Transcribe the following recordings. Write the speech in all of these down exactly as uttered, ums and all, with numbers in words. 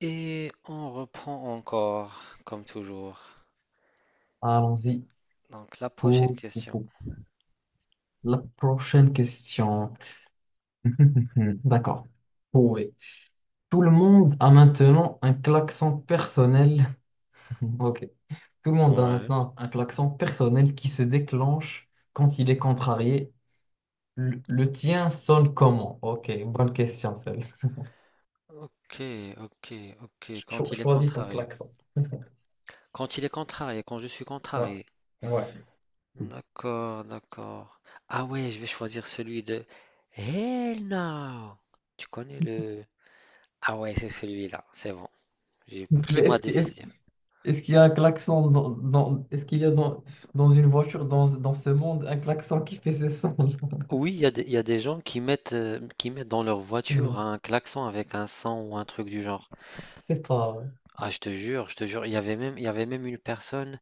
Et on reprend encore, comme toujours. Allons-y Donc, la prochaine pour, pour- question. pour la prochaine question. D'accord. Prouvé. Tout le monde a maintenant un klaxon personnel. Ok. Tout le monde a Ouais. maintenant un klaxon personnel qui se déclenche quand il est contrarié. Le, le tien sonne comment? Ok, bonne question celle. Ok, ok, ok. Quand Cho- il est choisis ton contrarié. klaxon. Quand il est contrarié, quand je suis Ouais. contrarié. Ouais. D'accord, d'accord. Ah ouais, je vais choisir celui de Hell no! Tu connais le... Ah ouais, c'est celui-là. C'est bon. J'ai Mais pris ma est-ce que- est-ce, décision. est-ce qu'il y a un klaxon dans, dans- est-ce qu'il y a dans, dans une voiture, dans, dans ce monde, un klaxon qui fait ce son? Oui, il y a des, il y a des gens qui mettent, euh, qui mettent dans leur C'est vrai. voiture un klaxon avec un son ou un truc du genre. C'est pas vrai. Ah, je te jure, je te jure, il y avait même, il y avait même une personne,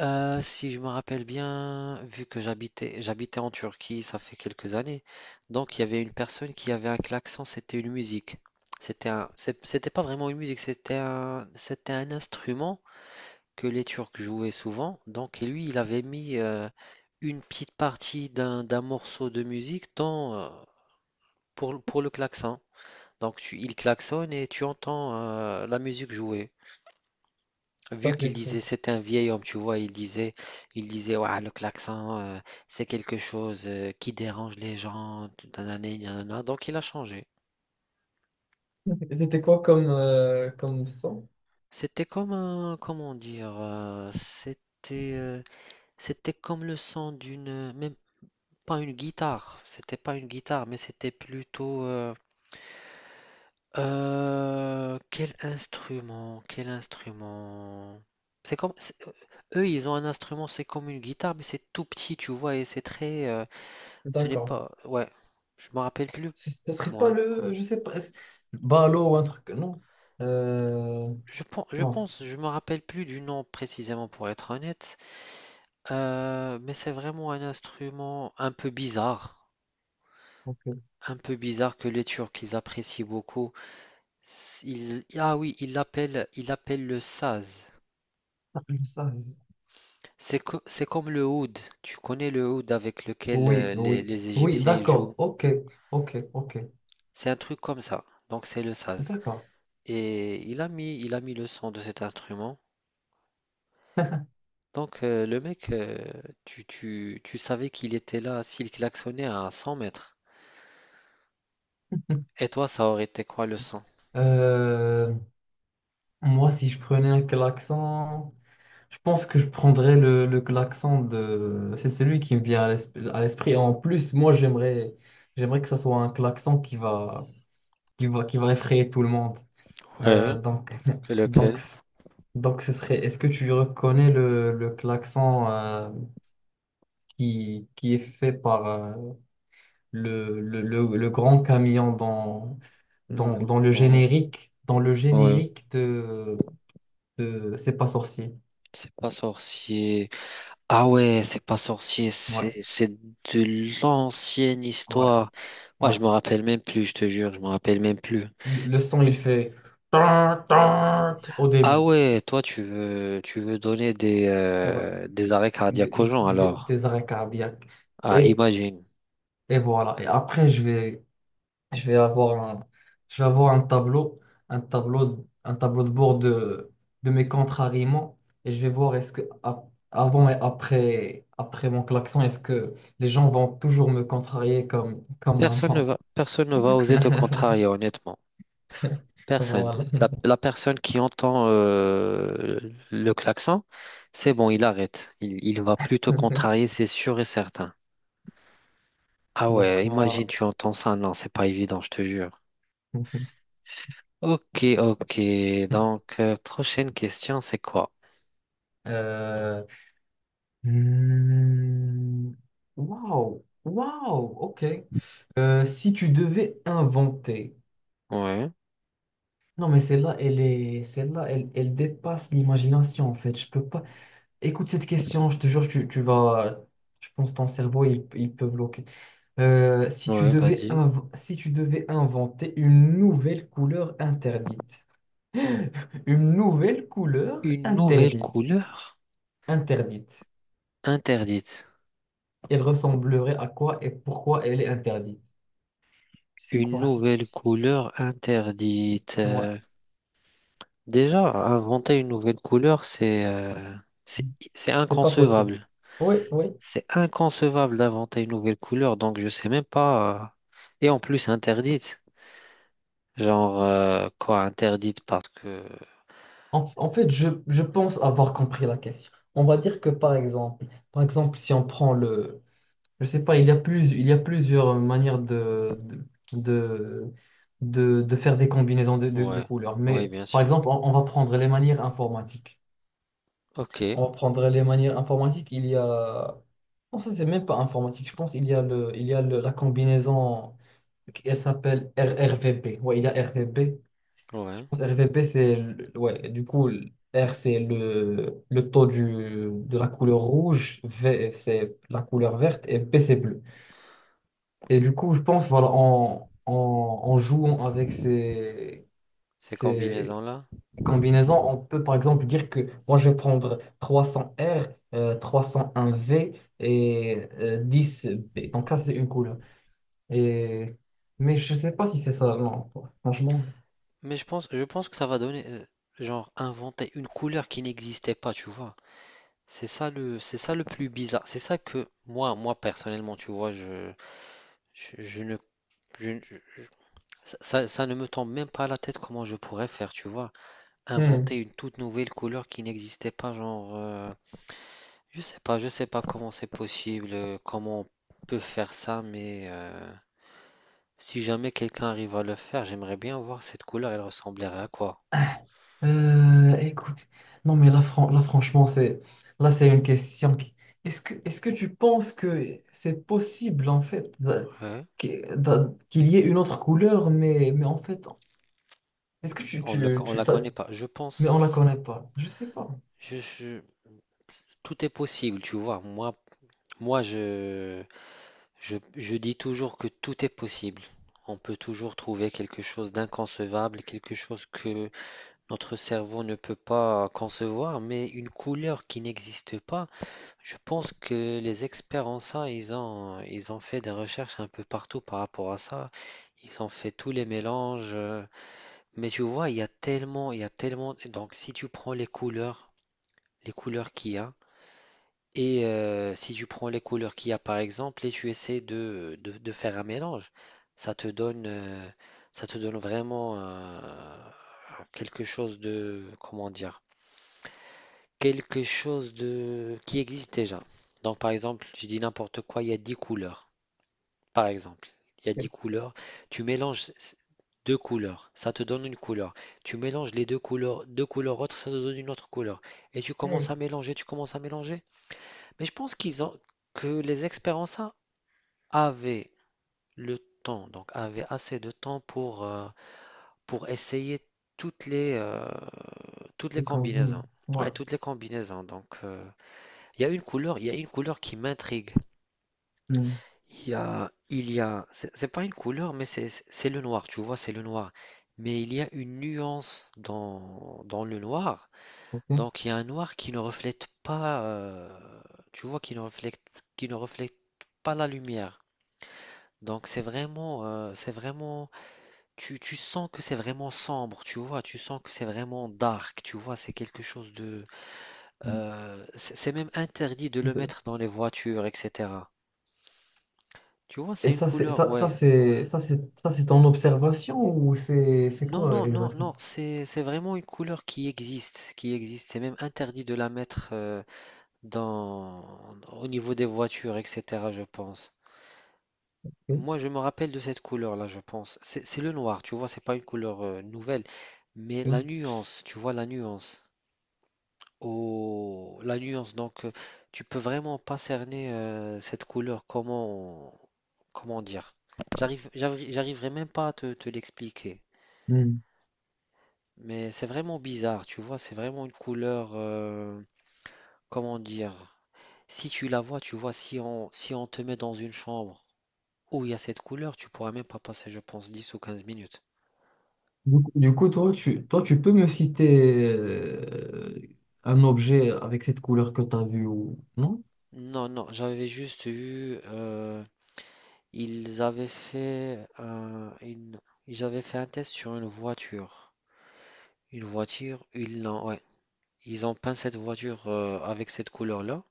euh, si je me rappelle bien, vu que j'habitais, j'habitais en Turquie, ça fait quelques années, donc il y avait une personne qui avait un klaxon, c'était une musique. C'était un, c'est- c'était pas vraiment une musique, c'était un, c'était un instrument que les Turcs jouaient souvent, donc et lui, il avait mis euh, une petite partie d'un, d'un morceau de musique dans, euh, pour, pour le klaxon. Donc tu, il klaxonne et tu entends euh, la musique jouer. Vu Ça, qu'il c'est faux. disait, c'était un vieil homme, tu vois, il disait, il disait, ouais, le klaxon, euh, c'est quelque chose euh, qui dérange les gens, tout nanani, nanana. donc il a changé. Et c'était quoi comme, euh, comme son? C'était comme un, comment dire, euh, c'était, euh, c'était comme le son d'une, même pas une guitare, c'était pas une guitare, mais c'était plutôt, euh, euh, quel instrument, quel instrument. C'est comme, c'est- eux, ils ont un instrument, c'est comme une guitare, mais c'est tout petit, tu vois, et c'est très, euh, ce n'est D'accord. pas. Ouais, je me rappelle plus, Ce ce serait pas moi. le, je sais pas, est-ce- Balo ou un truc, non? Euh, Je pense, je non. c'est- pense, je me rappelle plus du nom précisément pour être honnête. Euh, mais c'est vraiment un instrument un peu bizarre, Ok. un peu bizarre que les Turcs ils apprécient beaucoup. S- Ils, ah oui, ils l'appellent, ils l'appellent le saz. Ah, je sais. C'est co- c'est comme le oud. Tu connais le oud avec lequel Oui, euh, les, oui. les Oui, Égyptiens ils d'accord. jouent. Ok, ok, ok. C'est un truc comme ça. Donc c'est le saz. D'accord. Et il a mis, il a mis le son de cet instrument. Donc, euh, le mec, euh, tu, tu, tu savais qu'il était là s'il klaxonnait à cent mètres. Et toi, ça aurait été quoi le son? Euh, moi, si je prenais un klaxon. Je pense que je prendrais le, le klaxon de... C'est celui qui me vient à l'esprit. À l'esprit. En plus, moi, j'aimerais, j'aimerais que ça soit un klaxon qui va, qui va, qui va effrayer tout le monde. Ouais, Euh, donc, lequel, donc, lequel? donc, ce serait... Est-ce que tu reconnais le, le klaxon euh, qui, qui est fait par euh, le, le, le- le grand camion dans, Le dans, dans le grand, générique, dans le ouais. générique de, de C'est pas sorcier. C'est pas sorcier. Ah ouais, c'est pas sorcier, c'est Ouais, c'est de l'ancienne ouais, histoire. Moi, ouais. je me rappelle même plus, je te jure, je me rappelle même plus. Le le son, il fait tan, tan au Ah début. ouais, toi, tu veux, tu veux donner des, Ouais. euh, des arrêts cardiaques aux Des, gens, des- alors. des arrêts cardiaques. Ah, Et, imagine. et voilà. Et après, je vais, je vais avoir un, je vais avoir un tableau, un tableau, un tableau de bord de, de mes contrariements. Et je vais voir est-ce que a- avant et après, après mon klaxon, est-ce que les gens vont toujours me contrarier comme, comme Personne ne avant. va, personne ne va oser te contrarier, honnêtement. Personne. Voilà. La, la personne qui entend euh, le klaxon, c'est bon, il arrête. Il, il va plutôt contrarier, c'est sûr et certain. Ah Donc ouais, imagine voilà. tu entends ça. Non, c'est pas évident, je te jure. Ok, ok. Donc, euh, prochaine question, c'est quoi? Euh, Hmm. Waouh, waouh, ok. Euh, si tu devais inventer, Ouais, non mais celle-là, elle est, celle-là, elle, elle dépasse l'imagination en fait. Je peux pas. Écoute cette question, je te jure, tu, tu vas, je pense que ton cerveau il, il peut bloquer. Euh, si tu ouais, devais vas-y. inv- si tu devais inventer une nouvelle couleur interdite, une nouvelle couleur Une nouvelle interdite, couleur interdite, interdite. elle ressemblerait à quoi et pourquoi elle est interdite? C'est Une quoi cette nouvelle caisse? couleur interdite. Ouais, Euh, déjà, inventer une nouvelle couleur, c'est euh, c'est c'est c'est pas possible. inconcevable. Oui, oui. C'est inconcevable d'inventer une nouvelle couleur, donc je sais même pas. euh, Et en plus interdite. Genre euh, quoi, interdite parce que. En, en fait, je, je pense avoir compris la question. On va dire que par exemple, par exemple, si on prend le, je sais pas, il y a plus, il y a plusieurs manières de, de, de, de- faire des combinaisons de, de- de Ouais, couleurs. ouais, Mais bien par sûr. exemple, on, on va prendre les manières informatiques. Ok, On va prendre les manières informatiques. Il y a, non, ça c'est même pas informatique. Je pense il y a le, il y a le- la combinaison. Elle s'appelle R- RVB. Ouais, il y a R V B je ouais. pense R V P, c'est le- ouais, du coup, le R, c'est le, le taux du, de la couleur rouge, V, c'est la couleur verte, et P, c'est bleu. Et du coup, je pense, voilà, en, en, en jouant avec ces, Ces ces combinaisons-là. combinaisons, on peut par exemple dire que moi, je vais prendre trois cents R, euh, trois cent un V et euh, dix B. Donc, ça, c'est une couleur. Et... Mais je sais pas si c'est ça, non, franchement. Mais je pense, je pense que ça va donner, euh, genre inventer une couleur qui n'existait pas, tu vois. C'est ça le, c'est ça le plus bizarre. C'est ça que moi, moi personnellement, tu vois, je, je, je ne, je- je- je- ça, ça ça ne me tombe même pas à la tête comment je pourrais faire, tu vois. Hmm. Inventer une toute nouvelle couleur qui n'existait pas, genre, euh, je sais pas, je sais pas comment c'est possible, euh, comment on peut faire ça, mais euh, si jamais quelqu'un arrive à le faire, j'aimerais bien voir cette couleur, elle ressemblerait à quoi? Euh, écoute, non mais là, fran- là franchement, c'est là c'est une question. qui- Est-ce que, est-ce que tu penses que c'est possible en fait de- Ouais. que- de- qu'il y ait une autre couleur, mais, mais en fait, est-ce que tu, On ne tu, on tu la t'as- connaît pas. Je mais on la pense, connaît pas. Je sais pas. je, je- tout est possible, tu vois. Moi, moi, je, je, je dis toujours que tout est possible. On peut toujours trouver quelque chose d'inconcevable, quelque chose que Notre cerveau ne peut pas concevoir, mais une couleur qui n'existe pas, je pense que les experts en ça, ils ont, ils ont fait des recherches un peu partout par rapport à ça. Ils ont fait tous les mélanges. euh, Mais tu vois, il y a tellement, il y a tellement. Donc, si tu prends les couleurs, les couleurs qu'il y a, et euh, si tu prends les couleurs qu'il y a, par exemple, et tu essaies de, de, de faire un mélange, ça te donne, euh, ça te donne vraiment euh, quelque chose de, comment dire? Quelque chose de qui existe déjà. Donc par exemple, je dis n'importe quoi, il y a dix couleurs. Par exemple, il y a dix couleurs. Tu mélanges deux couleurs, ça te donne une couleur. Tu mélanges les deux couleurs, deux couleurs autres, ça te donne une autre couleur. Et tu commences Hmm. à mélanger, tu commences à mélanger. Mais je pense qu'ils ont que les experts avaient le temps, donc avaient assez de temps pour, euh, pour essayer toutes les, euh, toutes les Les combinaisons. combinaisons. Ouais. Ouais, toutes les combinaisons. Donc, euh, Il y a une couleur, il y a une couleur, qui m'intrigue. Hmm. Il y a, il y a, c'est c'est pas une couleur, mais c'est c'est- le noir, tu vois, c'est le noir. Mais il y a une nuance dans, dans le noir. Ok. Donc il y a un noir qui ne reflète pas, euh, tu vois, qui ne reflète, qui ne reflète pas la lumière. Donc c'est vraiment, euh, c'est vraiment, tu, tu sens que c'est vraiment sombre, tu vois, tu sens que c'est vraiment dark, tu vois, c'est quelque chose de, euh, c'est c'est même interdit de le De- mettre dans les voitures, et cetera. Tu vois, c'est Et une ça c'est couleur, ça, ça ouais, ouais. c'est ça c'est ça c'est ton observation ou c'est c'est Non, quoi non, non, exactement? non, c'est c'est vraiment une couleur qui existe, qui existe. C'est même interdit de la mettre euh, dans au niveau des voitures, et cetera. Je pense. Ok. Moi, je me rappelle de cette couleur-là, je pense. C'est c'est le noir, tu vois, c'est pas une couleur euh, nouvelle, mais la nuance, tu vois, la nuance. Oh, la nuance. Donc, euh, tu peux vraiment pas cerner euh, cette couleur. Comment comment dire? J'arrive, j'arri- j'arriverai même pas à te te l'expliquer. Ok. Mais c'est vraiment bizarre, tu vois, c'est vraiment une couleur, euh, comment dire, si tu la vois, tu vois, si on, si on te met dans une chambre où il y a cette couleur, tu pourras même pas passer, je pense, dix ou quinze minutes. Du coup, du coup, toi, tu, toi, tu peux me citer euh, un objet avec cette couleur que tu as vue ou non? Non, non, j'avais juste eu, euh, ils avaient fait, un- une, ils avaient fait un test sur une voiture. Une voiture, ils l'ont, ouais, ils ont peint cette voiture euh, avec cette couleur-là,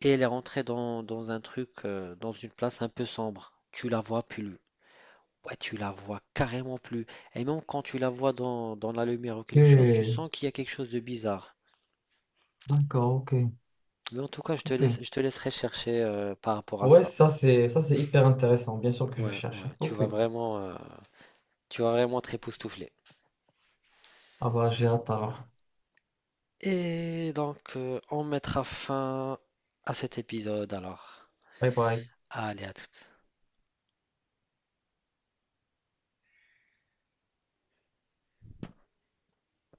et elle est rentrée dans, dans un truc, euh, dans une place un peu sombre. Tu la vois plus, Ouais, tu la vois carrément plus. Et même quand tu la vois dans, dans la lumière ou quelque chose, tu Ok, sens qu'il y a quelque chose de bizarre. d'accord, ok, Mais en tout cas, je te ok. laisse, je te laisserai chercher euh, par rapport à Ouais, ça. ça c'est ça c'est hyper intéressant. Bien sûr que je vais Ouais, ouais, chercher. tu Ok. vas vraiment, euh, tu vas vraiment te époustoufler. Ah bah j'ai hâte alors. Et donc, euh, on mettra fin à cet épisode alors. Bye bye. Allez, à toutes.